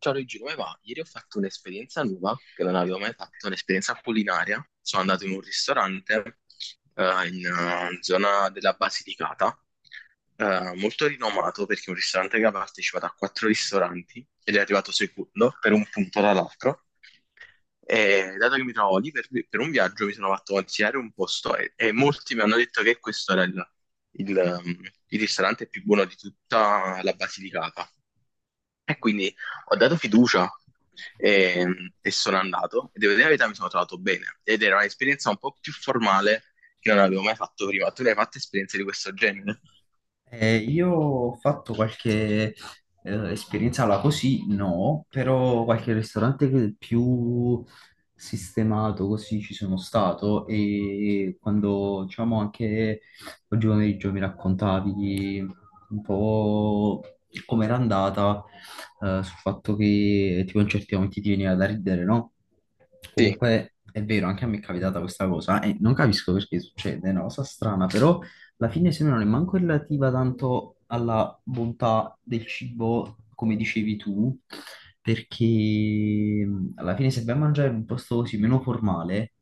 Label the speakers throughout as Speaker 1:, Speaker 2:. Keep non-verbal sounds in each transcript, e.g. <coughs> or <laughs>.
Speaker 1: Ciao Luigi, come va? Ieri ho fatto un'esperienza nuova che non avevo mai fatto, un'esperienza culinaria. Sono andato in un ristorante in zona della Basilicata, molto rinomato perché è un ristorante che ha partecipato a quattro ristoranti ed è arrivato secondo per un punto dall'altro. E dato che mi trovo lì per un viaggio, mi sono fatto consigliare un posto e molti mi hanno detto che questo era il il ristorante più buono di tutta la Basilicata. E quindi ho dato fiducia e, e sono andato. E devo dire la verità, mi sono trovato bene. Ed era un'esperienza un po' più formale che non avevo mai fatto prima. Tu ne hai fatte esperienze di questo genere?
Speaker 2: Io ho fatto qualche esperienza là così, no, però qualche ristorante che- più sistemato così ci sono stato e quando diciamo anche oggi pomeriggio mi raccontavi un po' com'era andata sul fatto che tipo in certi momenti ti veniva da ridere, no?
Speaker 1: Sì,
Speaker 2: Comunque è vero, anche a me è capitata questa cosa e non capisco perché succede, è una cosa strana, però alla fine se no non è manco relativa tanto alla bontà del cibo, come dicevi tu, perché alla fine se vai a mangiare in un posto così meno formale,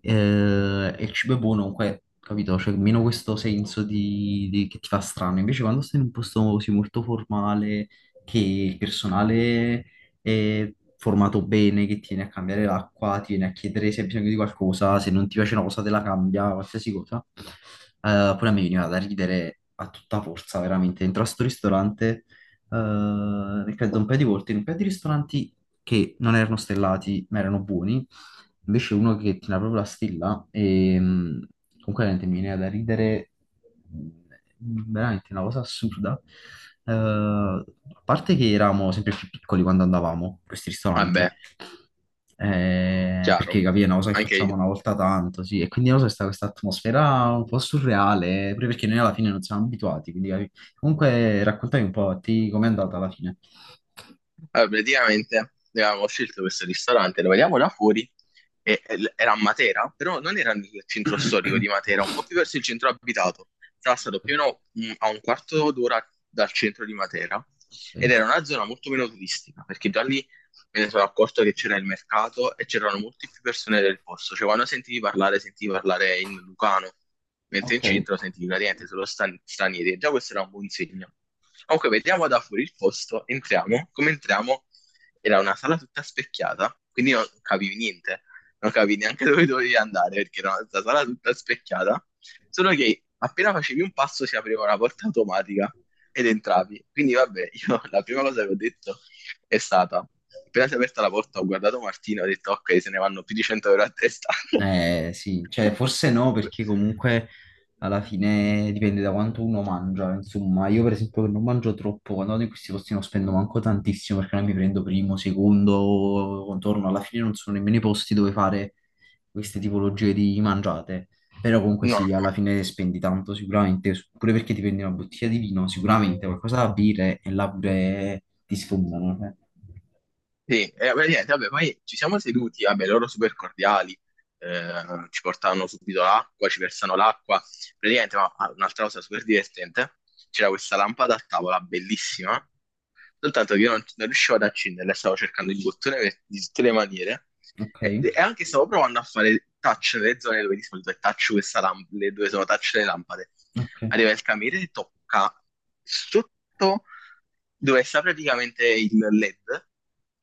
Speaker 2: e il cibo è buono, comunque, capito? C'è meno questo senso di- che ti fa strano. Invece quando stai in un posto così molto formale, che il personale formato bene, che tiene a cambiare l'acqua, tiene a chiedere se hai bisogno di qualcosa, se non ti piace una cosa te la cambia, qualsiasi cosa. Poi a me veniva da ridere a tutta forza, veramente. Entro a sto ristorante, credo un paio di volte, in un paio di ristoranti che non erano stellati, ma erano buoni. Invece uno che tira proprio la stilla e comunque veramente mi viene da ridere, mh, veramente una cosa assurda. A parte che eravamo sempre più piccoli quando andavamo in questi ristoranti,
Speaker 1: vabbè, chiaro,
Speaker 2: perché capì, è una cosa che
Speaker 1: anche
Speaker 2: facciamo
Speaker 1: io.
Speaker 2: una volta tanto, sì, e quindi non so, sta questa atmosfera un po' surreale, pure perché noi alla fine non siamo abituati, quindi capì. Comunque raccontami un po' a te com'è andata alla fine.
Speaker 1: Allora, praticamente abbiamo scelto questo ristorante, lo vediamo da fuori, era a Matera, però non era nel centro storico di Matera, un po'
Speaker 2: <coughs>
Speaker 1: più verso il centro abitato. Era stato più o meno, a un quarto d'ora dal centro di Matera ed era una
Speaker 2: <clears throat>
Speaker 1: zona molto meno turistica, perché già lì me ne sono accorto che c'era il mercato e c'erano molte più persone del posto. Cioè, quando sentivi parlare in Lucano, mentre
Speaker 2: Ok.
Speaker 1: in
Speaker 2: Ok.
Speaker 1: centro sentivi praticamente solo stranieri. E già questo era un buon segno. Comunque, vediamo da fuori il posto, entriamo. Come entriamo, era una sala tutta specchiata, quindi non capivi niente. Non capivi neanche dove dovevi andare, perché era una sala tutta specchiata. Solo che appena facevi un passo si apriva una porta automatica ed entravi. Quindi vabbè, io <laughs> la prima cosa che ho detto è stata, appena si è aperta la porta, ho guardato Martina e ho detto, ok, se ne vanno più di 100 euro a testa.
Speaker 2: Eh sì, cioè forse no,
Speaker 1: <laughs>
Speaker 2: perché comunque alla fine dipende da quanto uno mangia, insomma, io per esempio che non mangio troppo, quando vado in questi posti non spendo manco tantissimo perché non mi prendo primo, secondo, contorno, alla fine non sono nemmeno i posti dove fare queste tipologie di mangiate, però comunque
Speaker 1: No,
Speaker 2: sì,
Speaker 1: no,
Speaker 2: alla fine spendi tanto sicuramente, pure perché ti prendi una bottiglia di vino, sicuramente qualcosa da bere e là pure ti sfondano, eh.
Speaker 1: sì, beh, niente, vabbè, poi ci siamo seduti, vabbè, loro super cordiali, ci portavano subito l'acqua, ci versano l'acqua, praticamente, ma ah, un'altra cosa super divertente, c'era questa lampada a tavola bellissima, soltanto che io non, non riuscivo ad accenderla, stavo cercando il bottone di tutte le maniere,
Speaker 2: Ok,
Speaker 1: e anche stavo provando a fare touch nelle zone dove di solito è touch questa lamp- le dove sono touch le lampade,
Speaker 2: ok,
Speaker 1: arriva il cameriere e tocca sotto dove sta praticamente il LED,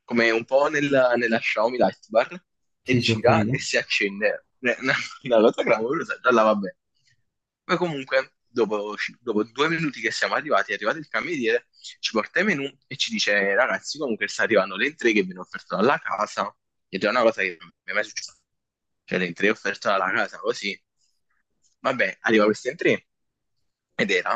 Speaker 1: come un po' nella Xiaomi Lightbar, e
Speaker 2: sì sì ho
Speaker 1: gira e
Speaker 2: capito,
Speaker 1: si accende. <laughs> Una cosa clamorosa, già là va bene. Poi comunque, dopo, dopo due minuti che siamo arrivati, è arrivato il cameriere, ci porta i menù e ci dice, ragazzi, comunque sta arrivando l'entrée che viene offerta dalla casa, ed è una cosa che non mi è mai successa. Cioè, l'entrée offerta dalla casa, così. Vabbè, arriva questa entrée, ed era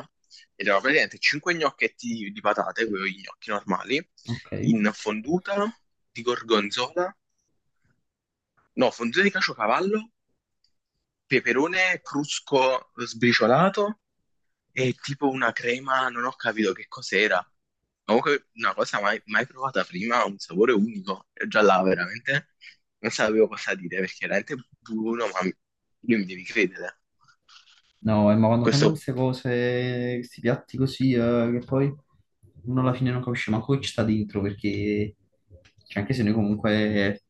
Speaker 1: ed erano praticamente 5 gnocchetti di patate, quei gnocchi normali,
Speaker 2: ok.
Speaker 1: in fonduta di gorgonzola, no, fonduta di caciocavallo, peperone crusco sbriciolato e tipo una crema, non ho capito che cos'era. Comunque una cosa mai provata prima, un sapore unico. E già là veramente non sapevo cosa dire perché era veramente buono, io mi devi credere.
Speaker 2: No, ma quando
Speaker 1: Questo
Speaker 2: fanno queste cose, questi piatti così, che poi uno alla fine non capisce manco chi sta dentro, perché cioè, anche se noi comunque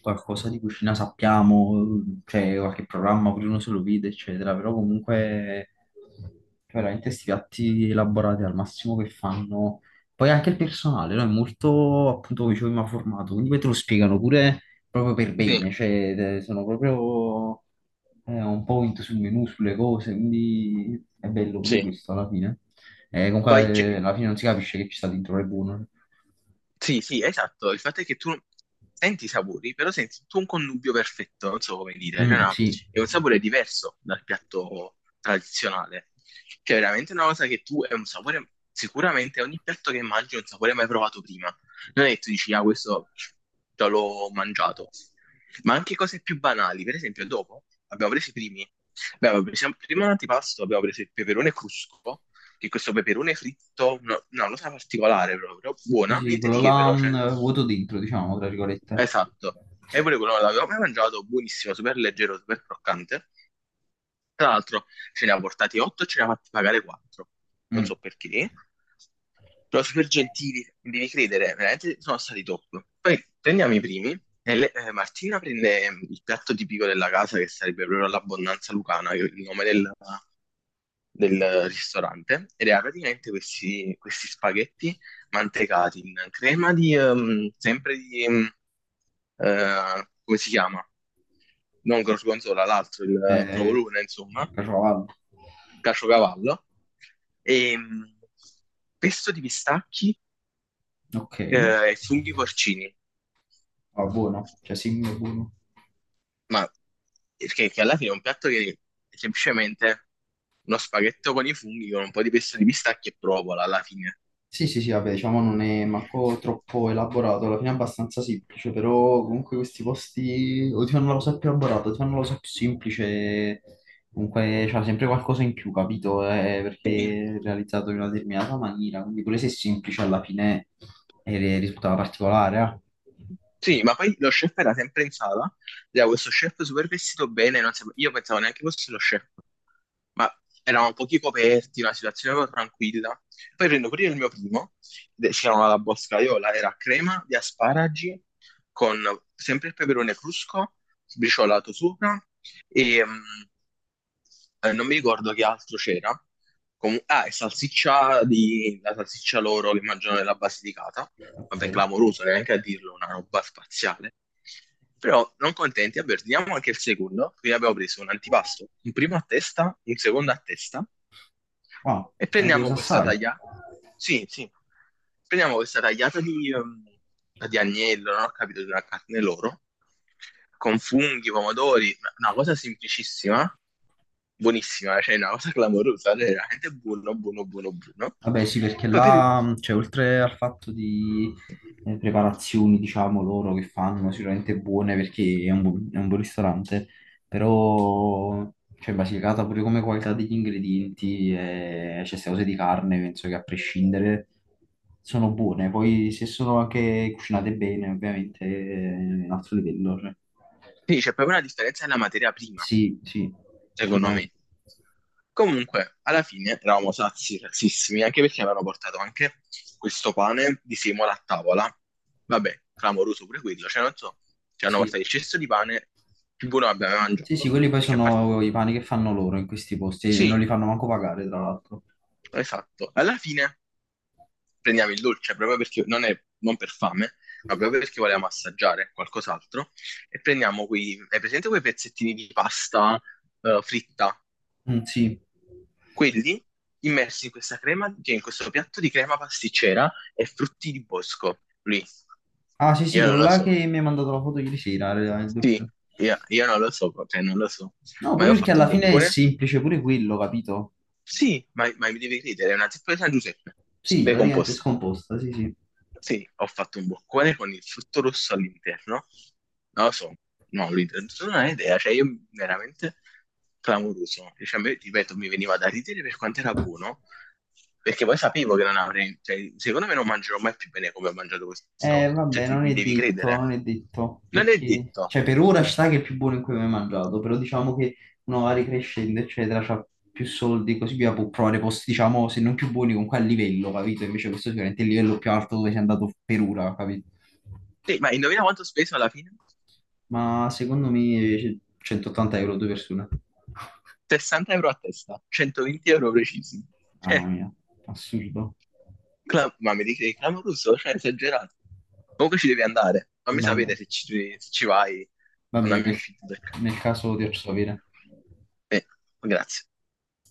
Speaker 2: qualcosa di cucina sappiamo, cioè qualche programma pure uno se lo vede, eccetera, però comunque cioè, veramente questi piatti elaborati al massimo che fanno. Poi anche il personale, no? È molto, appunto, come dicevo, prima formato, quindi poi te lo spiegano pure proprio per
Speaker 1: sì,
Speaker 2: bene, cioè sono proprio un point sul menu, sulle cose, quindi è bello pure
Speaker 1: sì.
Speaker 2: questo alla fine.
Speaker 1: Poi cioè,
Speaker 2: Comunque alla fine non si capisce che ci sta dentro le buone.
Speaker 1: sì, sì, esatto. Il fatto è che tu senti i sapori, però senti tu un connubio perfetto, non so come dire. Cioè,
Speaker 2: Mm,
Speaker 1: no,
Speaker 2: sì.
Speaker 1: è un sapore diverso dal piatto tradizionale. Cioè, è veramente una cosa che tu è un sapore. Sicuramente ogni piatto che mangi è un sapore mai provato prima. Non è che tu dici, ah, questo già l'ho mangiato. Ma anche cose più banali. Per esempio, dopo abbiamo preso i primi. Abbiamo preso prima un antipasto, abbiamo preso il peperone crusco, che questo peperone fritto, no, no, una cosa particolare proprio,
Speaker 2: Sì,
Speaker 1: buona,
Speaker 2: sì,
Speaker 1: niente
Speaker 2: quello
Speaker 1: di che
Speaker 2: là
Speaker 1: però, cioè,
Speaker 2: vuoto dentro, diciamo, tra virgolette.
Speaker 1: esatto. E pure quello l'avevo mai mangiato, buonissimo, super leggero, super croccante. Tra l'altro ce ne ha portati 8 e ce ne ha fatti pagare 4. Non
Speaker 2: Mm,
Speaker 1: so perché. Però super gentili, devi credere, veramente sono stati top. Poi prendiamo i primi. Martina prende il piatto tipico della casa, che sarebbe proprio l'abbondanza lucana, che è il nome del ristorante, ed era praticamente questi spaghetti mantecati in crema di, sempre di, come si chiama? Non gorgonzola, l'altro, il
Speaker 2: eh,
Speaker 1: provolone, insomma,
Speaker 2: ciocavallo.
Speaker 1: caciocavallo, e mh, pesto di pistacchi
Speaker 2: Ok.
Speaker 1: e funghi porcini,
Speaker 2: Ah, buono, cioè sì, è buono.
Speaker 1: ma perché che alla fine è un piatto che è semplicemente uno spaghetto con i funghi con un po' di pesto di pistacchi e provola alla fine.
Speaker 2: Sì, sì, sì, vabbè, diciamo non è manco
Speaker 1: <laughs>
Speaker 2: troppo elaborato, alla fine è abbastanza semplice, però comunque questi posti o ti fanno la cosa più elaborata, o ti fanno la cosa più semplice, comunque c'ha sempre qualcosa in più, capito?
Speaker 1: Sì.
Speaker 2: Perché è realizzato in una determinata maniera, quindi pure se è semplice alla fine risultava particolare, eh.
Speaker 1: Sì, ma poi lo chef era sempre in sala, era questo chef super vestito bene, non sape- io pensavo neanche fosse lo chef, ma erano pochi coperti, una situazione proprio tranquilla. Poi prendo pure il mio primo, si chiamava la boscaiola, era crema di asparagi con sempre il peperone crusco, sbriciolato sopra, e non mi ricordo che altro c'era. Ah, e salsiccia di, la salsiccia loro che mangiano nella Basilicata,
Speaker 2: Ok.
Speaker 1: vabbè, clamoroso, neanche a dirlo, una roba spaziale. Però non contenti, vabbè, ordiniamo anche il secondo, quindi abbiamo preso un antipasto, un primo a testa, un secondo a testa,
Speaker 2: Ah,
Speaker 1: e
Speaker 2: avete
Speaker 1: prendiamo
Speaker 2: preso
Speaker 1: questa
Speaker 2: assai.
Speaker 1: tagliata, sì, sì, prendiamo questa tagliata di di agnello, non ho capito, di una carne loro, con funghi, pomodori, una cosa semplicissima, buonissima, cioè una cosa clamorosa, cioè veramente buono, buono, buono, buono.
Speaker 2: Vabbè, sì,
Speaker 1: E
Speaker 2: perché
Speaker 1: poi per
Speaker 2: là, cioè, oltre al fatto di preparazioni, diciamo, loro che fanno, sicuramente buone perché è un, bu- è un buon ristorante, però, cioè, Basilicata pure come qualità degli ingredienti, cioè, queste cose di carne, penso che a prescindere sono buone. Poi, se sono anche cucinate bene, ovviamente, è un altro livello, cioè.
Speaker 1: sì, c'è proprio una differenza nella materia prima,
Speaker 2: Sì, sì,
Speaker 1: secondo
Speaker 2: sicuramente,
Speaker 1: me. Comunque, alla fine eravamo sazi, razzissimi, anche perché avevano portato anche questo pane di semola a tavola. Vabbè, clamoroso pure quello, cioè non so, ci hanno
Speaker 2: sì.
Speaker 1: portato il cesto di pane più buono che abbiamo mai
Speaker 2: Sì, sì,
Speaker 1: mangiato,
Speaker 2: quelli poi
Speaker 1: perché a parte...
Speaker 2: sono i pani che fanno loro in questi posti e non
Speaker 1: sì,
Speaker 2: li fanno manco pagare, tra l'altro.
Speaker 1: esatto. Alla fine prendiamo il dolce proprio perché non per fame, ma proprio perché volevamo assaggiare qualcos'altro e prendiamo quei, hai presente quei pezzettini di pasta fritta?
Speaker 2: Mm, sì.
Speaker 1: Quelli immersi in questa crema, cioè in questo piatto di crema pasticcera e frutti di bosco. Lì,
Speaker 2: Ah, sì, sì,
Speaker 1: io non
Speaker 2: quello
Speaker 1: lo
Speaker 2: là
Speaker 1: so.
Speaker 2: che mi ha mandato la foto ieri sera, era il
Speaker 1: Sì,
Speaker 2: dolce.
Speaker 1: io non lo so, cioè non lo so.
Speaker 2: No,
Speaker 1: Ma io ho
Speaker 2: proprio perché
Speaker 1: fatto un
Speaker 2: alla fine è
Speaker 1: boccone?
Speaker 2: semplice pure quello, capito?
Speaker 1: Sì, ma mi devi credere, è una zeppa di San Giuseppe,
Speaker 2: Sì, praticamente è
Speaker 1: decomposta.
Speaker 2: scomposta, sì, sì.
Speaker 1: Sì, ho fatto un boccone con il frutto rosso all'interno. Non lo so, no, all'interno non ho idea, cioè io veramente clamoroso. Cioè, a me, ripeto, mi veniva da ridere per quanto era buono, perché poi sapevo che non avrei, cioè, secondo me non mangerò mai più bene come ho mangiato questa volta. Cioè,
Speaker 2: Vabbè, non
Speaker 1: mi
Speaker 2: è
Speaker 1: devi
Speaker 2: detto,
Speaker 1: credere.
Speaker 2: non è detto,
Speaker 1: Non è
Speaker 2: perché,
Speaker 1: detto.
Speaker 2: cioè, per ora ci sta che è il più buono in cui ho mai mangiato, però diciamo che uno va ricrescendo, eccetera, c'ha più soldi, così via, può provare posti, diciamo, se non più buoni, comunque a livello, capito? Invece questo sicuramente è il livello più alto dove sei andato per ora, capito?
Speaker 1: Sì, ma indovina quanto ho speso alla fine?
Speaker 2: Ma secondo me 180 euro due persone.
Speaker 1: 60 euro a testa, 120 euro precisi.
Speaker 2: Mamma
Speaker 1: Eh,
Speaker 2: mia, assurdo.
Speaker 1: cla- ma mi dici che è clamoroso, cioè, esagerato. Comunque ci devi andare. Fammi
Speaker 2: Vabbè,
Speaker 1: sapere se ci, se ci vai,
Speaker 2: va
Speaker 1: mandami
Speaker 2: bene,
Speaker 1: un feedback.
Speaker 2: nel caso ti faccio sapere.
Speaker 1: Eh, grazie.